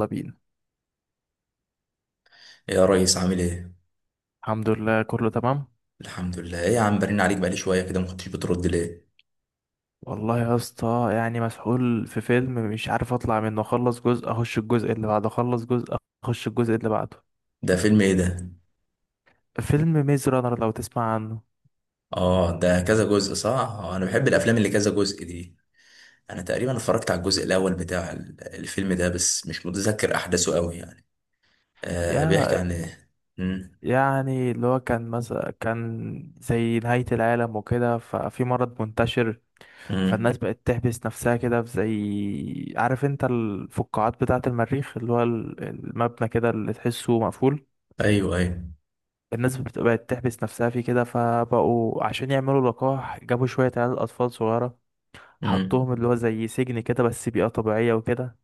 يلا بينا. يا ريس، عامل ايه؟ الحمد لله، كله تمام. الحمد لله ايه يا عم، برن عليك بقالي شوية كده، ما كنتش بترد ليه؟ والله يا اسطى، يعني مسحول في فيلم مش عارف اطلع منه، اخلص جزء اخش الجزء اللي بعده، اخلص جزء اخش الجزء اللي بعده. ده فيلم ايه ده؟ فيلم ميز رانر، لو تسمع عنه. اه، ده كذا جزء، صح؟ آه، انا بحب الافلام اللي كذا جزء دي. انا تقريبا اتفرجت على الجزء الاول بتاع الفيلم ده، بس مش متذكر احداثه قوي يعني. آه، بيحكي يا عن ايه؟ امم. يعني اللي هو كان مثلا كان زي نهاية العالم وكده، ففي مرض منتشر. امم. فالناس بقت تحبس نفسها كده في، زي عارف انت الفقاعات بتاعة المريخ، اللي هو المبنى كده اللي تحسه مقفول. ايوه، ايوه. الناس بقت تحبس نفسها فيه كده، فبقوا عشان يعملوا لقاح جابوا شوية عيال أطفال صغيرة. امم. حطوهم اللي هو زي سجن كده، بس بيئة طبيعية وكده.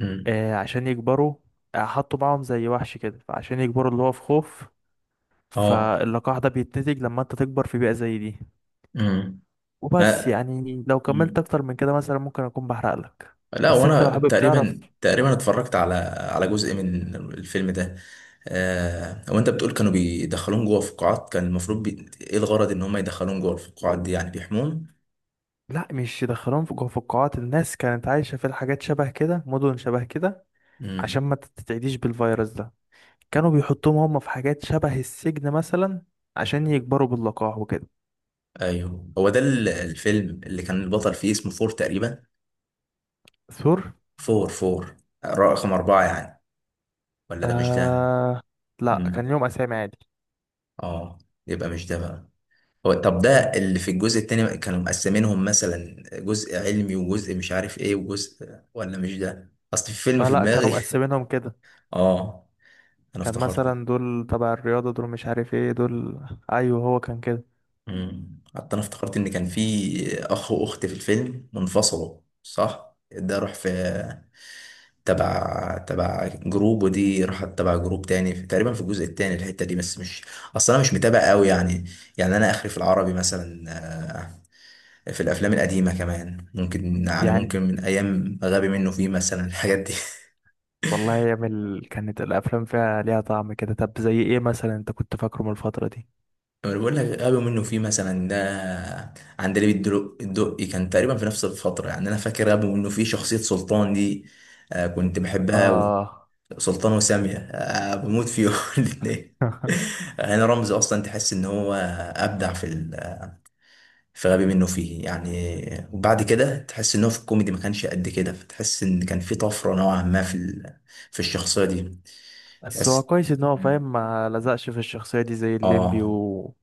امم. آه عشان يكبروا. آه، حطوا معاهم زي وحش كده، فعشان يكبروا اللي هو في خوف. اه. فاللقاح ده بيتنتج لما انت تكبر في بيئة زي دي. امم. وبس، لا. يعني لو كملت أكتر من كده مثلا ممكن أكون بحرق لك. لا، بس انت وانا لو حابب تعرف. تقريبا اتفرجت على جزء من الفيلم ده. آه، وانت بتقول كانوا بيدخلون جوه فقاعات، كان المفروض ايه الغرض ان هم يدخلون جوه الفقاعات دي؟ يعني بيحمون؟ لا، مش يدخلوهم في جوه في القاعات، الناس كانت عايشة في الحاجات شبه كده، مدن شبه كده، عشان امم. ما تتعديش بالفيروس ده. كانوا آه. بيحطوهم هم في حاجات شبه السجن مثلا، عشان يكبروا باللقاح وكده. ايوه، هو ده الفيلم اللي كان البطل فيه اسمه فور تقريبا. ثور. فور، رقم أربعة يعني. ولا ده مش ده. آه. لا، كان امم. ليهم اسامي عادي. اه. يبقى مش ده بقى. هو طب ده مم. اللي في الجزء التاني كانوا مقسمينهم مثلا جزء علمي وجزء مش عارف ايه وجزء، ولا مش ده، اصل في فيلم اه، في لا كانوا دماغي مقسمينهم كده. اه، انا كان افتكرته. مثلا دول تبع الرياضة، دول مش عارف ايه دول. ايوه، هو كان كده. امم، حتى انا افتكرت ان كان في اخ واخت في الفيلم منفصلوا، صح، ده راح في تبع جروب، ودي راحت تبع جروب تاني، في تقريبا في الجزء التاني الحتة دي، بس مش، اصل انا مش متابع قوي يعني. يعني انا اخري في العربي مثلا، في الافلام القديمه كمان، ممكن يعني، يعني ممكن من ايام غبي منه فيه مثلا الحاجات دي والله يا مل، كانت الافلام فيها ليها طعم كده. طب زي ايه مثلا انت كنت فاكره من الفترة دي؟ انا بقول لك، غبي منه فيه مثلا ده، عندليب الدقي كان تقريبا في نفس الفتره، يعني انا فاكر غبي منه فيه شخصيه سلطان دي. آه، كنت بحبها قوي. اه. سلطان وساميه، بموت فيهم الاثنين. هنا رمزي اصلا تحس ان هو ابدع في في غبي منه فيه يعني، وبعد كده تحس ان هو في الكوميدي ما كانش قد كده، فتحس ان كان في طفره نوعا ما في في الشخصيه دي. بس هو تأس كويس ان هو مم. فاهم، ما لزقش في الشخصية دي زي الليمبي اه. و.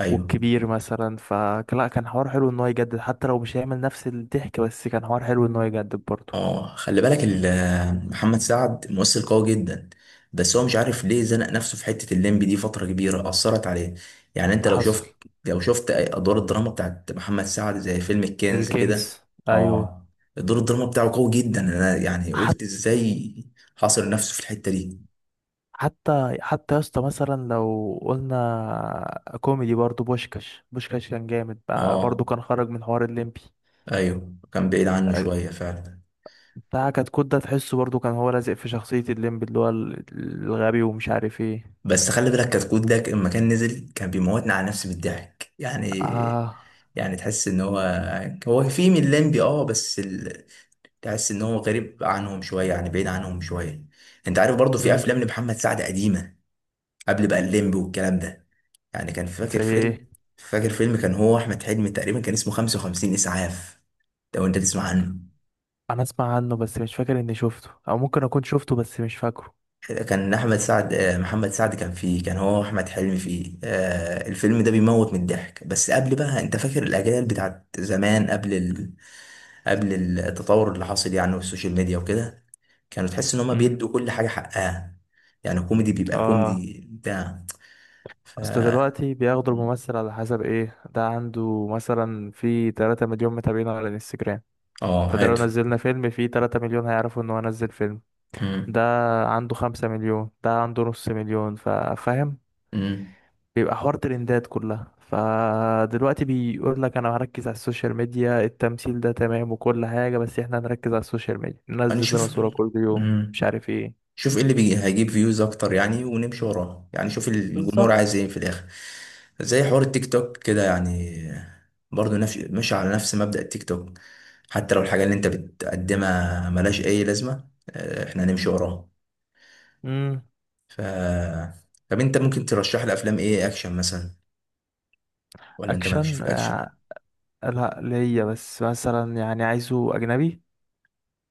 ايوه. والكبير مثلا، فلا كان حوار حلو ان هو يجدد حتى لو مش هيعمل نفس الضحك، بس كان حوار حلو ان هو يجدد برضه. اه، خلي بالك محمد سعد ممثل قوي جدا، بس هو مش عارف ليه زنق نفسه في حتة الليمبي دي، فترة كبيرة أثرت عليه. يعني انت لو حصل. شفت، لو شفت أدوار الدراما بتاعت محمد سعد زي فيلم الكنز كده. الكنز. ايوه. اه، دور الدراما بتاعه قوي جدا، انا يعني حتى قلت ازاي حاصر نفسه في الحتة دي. حتى يا اسطى، مثلا لو قلنا كوميدي، برضه بوشكاش كان جامد بقى، اه، برضه كان خرج من حوار الليمبي. ايوه، كان بعيد عنه أه، شوية فعلا. بتاع كتكوت ده تحسه برضه كان هو لازق في شخصية الليمبي، اللي هو الغبي ومش عارف ايه. بس خلي بالك كتكوت ده لما كان نزل، كان بيموتنا على نفسي بالضحك يعني. اه. يعني تحس ان هو، هو في من لمبي اه، بس تحس ان هو غريب عنهم شويه، يعني بعيد عنهم شويه. انت عارف برضو في امم. افلام لمحمد سعد قديمه، قبل بقى الليمبي والكلام ده. يعني كان فاكر زي ايه؟ فيلم. فاكر فيلم كان هو احمد حلمي تقريبا، كان اسمه 55 اسعاف. لو انت تسمع عنه، انا اسمع عنه بس مش فاكر اني شفته، او ممكن اكون شفته بس مش فاكره. كان احمد سعد، محمد سعد كان فيه، كان هو احمد حلمي فيه، الفيلم ده بيموت من الضحك. بس قبل بقى، انت فاكر الاجيال بتاعت زمان، قبل قبل التطور اللي حاصل يعني، والسوشيال ميديا وكده. كانوا تحس ان هما بيدوا امم. كل حاجه حقها، يعني كوميدي بيبقى اه. كوميدي بتاع. ف اصل دلوقتي بياخدوا الممثل على حسب ايه، ده عنده مثلا في 3 مليون متابعين على الانستجرام، اه فده لو هاتوا. نزلنا فيلم فيه 3 مليون هيعرفوا ان هو نزل فيلم. ده امم. عنده 5 مليون، ده عنده نص مليون، فاهم. امم. بيبقى حوار ترندات كلها، فدلوقتي بيقول لك انا هركز على السوشيال ميديا، التمثيل ده تمام وكل حاجة، بس احنا هنركز على السوشيال ميديا، انا ننزل لنا صورة كل يوم مش عارف ايه. شوف ايه اللي بيجي هيجيب فيوز اكتر يعني، ونمشي وراه يعني، شوف الجمهور عايز بالظبط. ايه في الاخر. زي حوار التيك توك كده يعني، برضه نفس، ماشي على نفس مبدأ التيك توك. حتى لو الحاجة اللي انت بتقدمها ملهاش اي لازمة، احنا هنمشي وراها. امم. ف طب انت ممكن ترشح لي افلام ايه؟ اكشن مثلا، ولا انت مالكش في اكشن؟ آه، الاكشن؟ لا ليا، بس مثلا يعني عايزه اجنبي.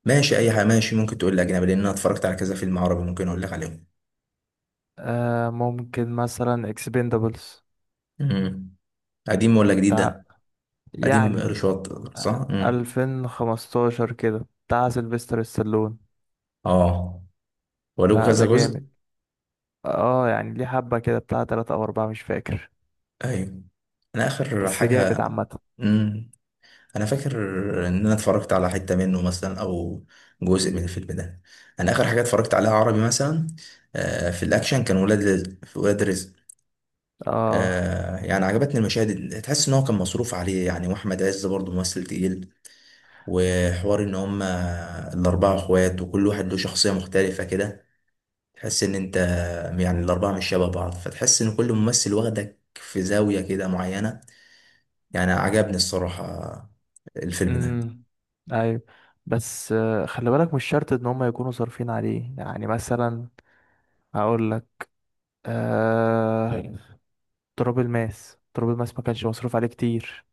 ماشي، اي حاجة ماشي، ممكن تقول لي اجنبي، لان انا اتفرجت على كذا فيلم عربي ممكن اقول لك عليهم. آه، ممكن مثلا اكسبندابلز، امم. قديم ولا جديد بتاع، ده؟ قديم يعني رشاط، صح. امم. 2015 كده، بتاع سيلفستر ستالون. اه. ولو ده ده كذا جامد. جزء. اه، يعني ليه حبة كده، بتاع تلاتة أو أربعة مش فاكر. ايوه، انا اخر بس جامد حاجه. عامة. امم، انا فاكر ان انا اتفرجت على حته منه مثلا، او جزء من الفيلم ده. انا اخر حاجه اتفرجت عليها عربي مثلا، آه، في الاكشن كان ولاد رزق. في ولاد رزق، اه. آه، يعني عجبتني المشاهد تحس ان هو كان مصروف عليه يعني، واحمد عز برضه ممثل تقيل، وحوار ان هم الاربعه اخوات، وكل واحد له شخصيه مختلفه كده، تحس ان انت، يعني الاربعه مش شبه بعض، فتحس ان كل ممثل واخدك في زاويه كده معينه. يعني عجبني الصراحة الفيلم ده. امم. أيوة. بس خلي بالك مش شرط إن هما يكونوا صارفين عليه، يعني مثلا هقول لك. آه. تراب الماس، ما كانش مصروف عليه كتير.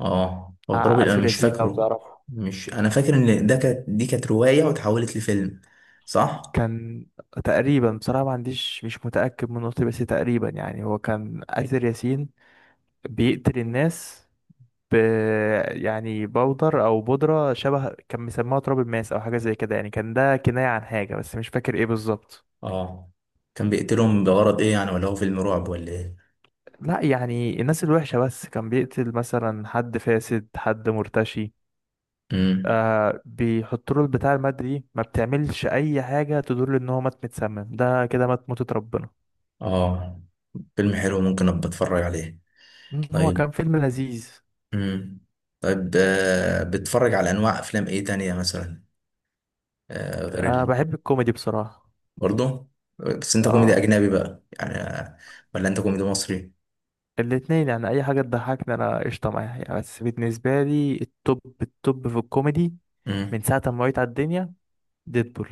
اه، هو مع ترابي انا أسير مش ياسين لو فاكره. تعرفه. مش، انا فاكر ان ده كانت، دي كانت رواية واتحولت لفيلم، صح. كان تقريبا، بصراحة ما عنديش، مش متأكد من نقطة، بس تقريبا يعني هو كان أسير ياسين بيقتل الناس، ب يعني بودر أو بودرة شبه، كان مسموها تراب الماس أو حاجة زي كده، يعني كان ده كناية عن حاجة بس مش فاكر إيه بالظبط. اه، كان بيقتلهم بغرض ايه يعني؟ ولا هو فيلم رعب ولا ايه؟ لا، يعني الناس الوحشة بس، كان بيقتل مثلا حد فاسد، حد مرتشي. امم. آه، بيحط له البتاع، المادة دي ما بتعملش أي حاجة تدل إن هو مات متسمم، ده كده مات موتة ربنا. اه، فيلم حلو، ممكن ابقى اتفرج عليه. مم، هو طيب. كان فيلم لذيذ. امم. طيب، آه، بتتفرج على انواع افلام ايه تانية مثلا، آه، غير أه، بحب الكوميدي بصراحة. برضه بس انت كوميدي اه. اجنبي بقى يعني، ولا انت كوميدي مصري؟ الاتنين، يعني أي حاجة تضحكني أنا قشطة معاها يعني. بس بالنسبة لي التوب التوب في الكوميدي من ساعة ما وعيت على الدنيا ديدبول.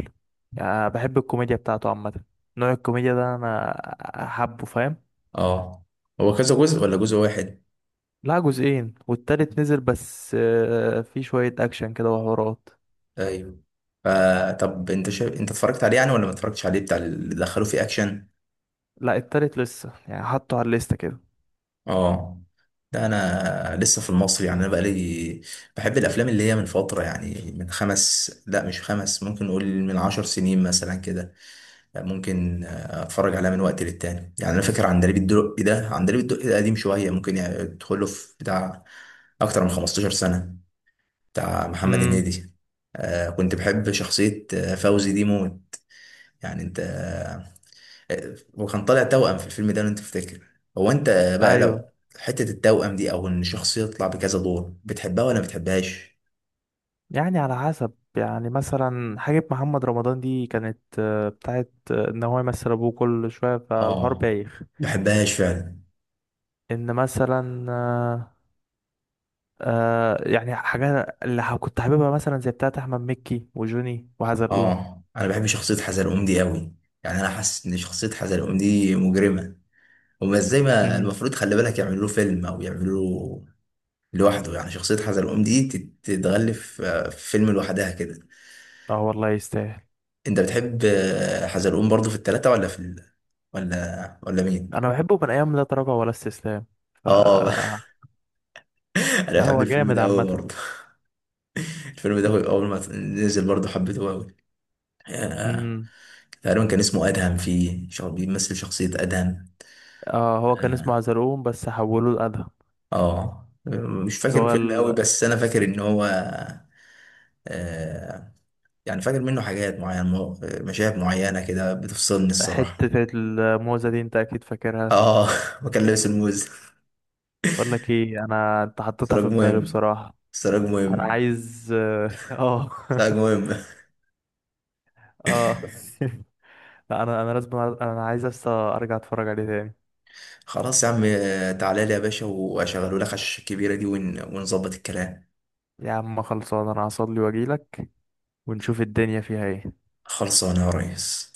يعني بحب الكوميديا بتاعته عامة، نوع الكوميديا ده أنا حابه، فاهم؟ اه، هو كذا جزء ولا جزء واحد؟ لا، جزئين والتالت نزل بس، في شوية أكشن كده وحوارات. ايوه، آه، طب انت انت اتفرجت عليه يعني ولا ما اتفرجتش عليه بتاع اللي دخلوه فيه اكشن؟ لا، التالت لسه، يعني حطه على الليستة كده. اه، ده انا لسه في المصري يعني، انا بقالي بحب الافلام اللي هي من فتره يعني، من خمس، لا مش خمس، ممكن نقول من عشر سنين مثلا كده، ممكن اتفرج عليها من وقت للتاني يعني. انا فاكر عندليب الدقي ده، عندليب الدقي ده قديم شويه، ممكن يعني يدخله في بتاع اكتر من 15 سنه، بتاع محمد امم. هنيدي. آه، كنت بحب شخصية فوزي دي موت، يعني انت، آه، وكان طالع توأم في الفيلم ده لو انت تفتكر. هو انت بقى، لو ايوه. حتة التوأم دي او ان شخصية تطلع بكذا دور، بتحبها ولا ما بتحبهاش؟ يعني على حسب، يعني مثلا حاجة محمد رمضان دي كانت بتاعت ان هو يمثل ابوه كل شوية، فالحوار اه، بايخ. بحبهاش فعلا. ان مثلا آه. يعني حاجات اللي كنت حاببها مثلا زي بتاعت احمد مكي وجوني وحزلقوه. اه، انا بحب شخصية حزلقوم دي قوي، يعني انا حاسس ان شخصية حزلقوم دي مجرمة. هما ازاي ما امم. المفروض، خلي بالك، يعملوا له فيلم او يعملوا له لوحده يعني؟ شخصية حزلقوم دي تتغلف في فيلم لوحدها كده. اه والله يستاهل. انت بتحب حزلقوم برضو في التلاتة ولا في ولا مين؟ انا بحبه من ايام لا تراجع ولا استسلام. ف اه انا لا، بحب هو الفيلم جامد ده قوي عامة. برضه. الفيلم ده اول ما نزل برضه حبيته قوي. آه، امم. تقريبا كان اسمه ادهم، فيه بيمثل شخصية ادهم. اه، هو كان اسمه اه. عزلقوم بس حولوه لأدهم. آه. مش اللي فاكر هو الفيلم قوي، ال- بس انا فاكر ان هو، آه، يعني فاكر منه حاجات معينة، مشاهد معينة كده بتفصلني الصراحة. حتة الموزة دي انت اكيد فاكرها. اه وكان لابس الموز. بقول لك ايه، انا انت حطيتها سراج في دماغي مهم. بصراحة. سراج انا مهم. عايز اه. سراج مهم. اه، لا انا لازم، انا عايز لسه ارجع اتفرج عليه تاني. خلاص يا عم، تعالى لي يا باشا واشغله لك على الشاشة الكبيرة دي ونظبط الكلام. يا عم خلصان، انا هصلي واجيلك، ونشوف الدنيا فيها ايه. خلصانه يا ريس.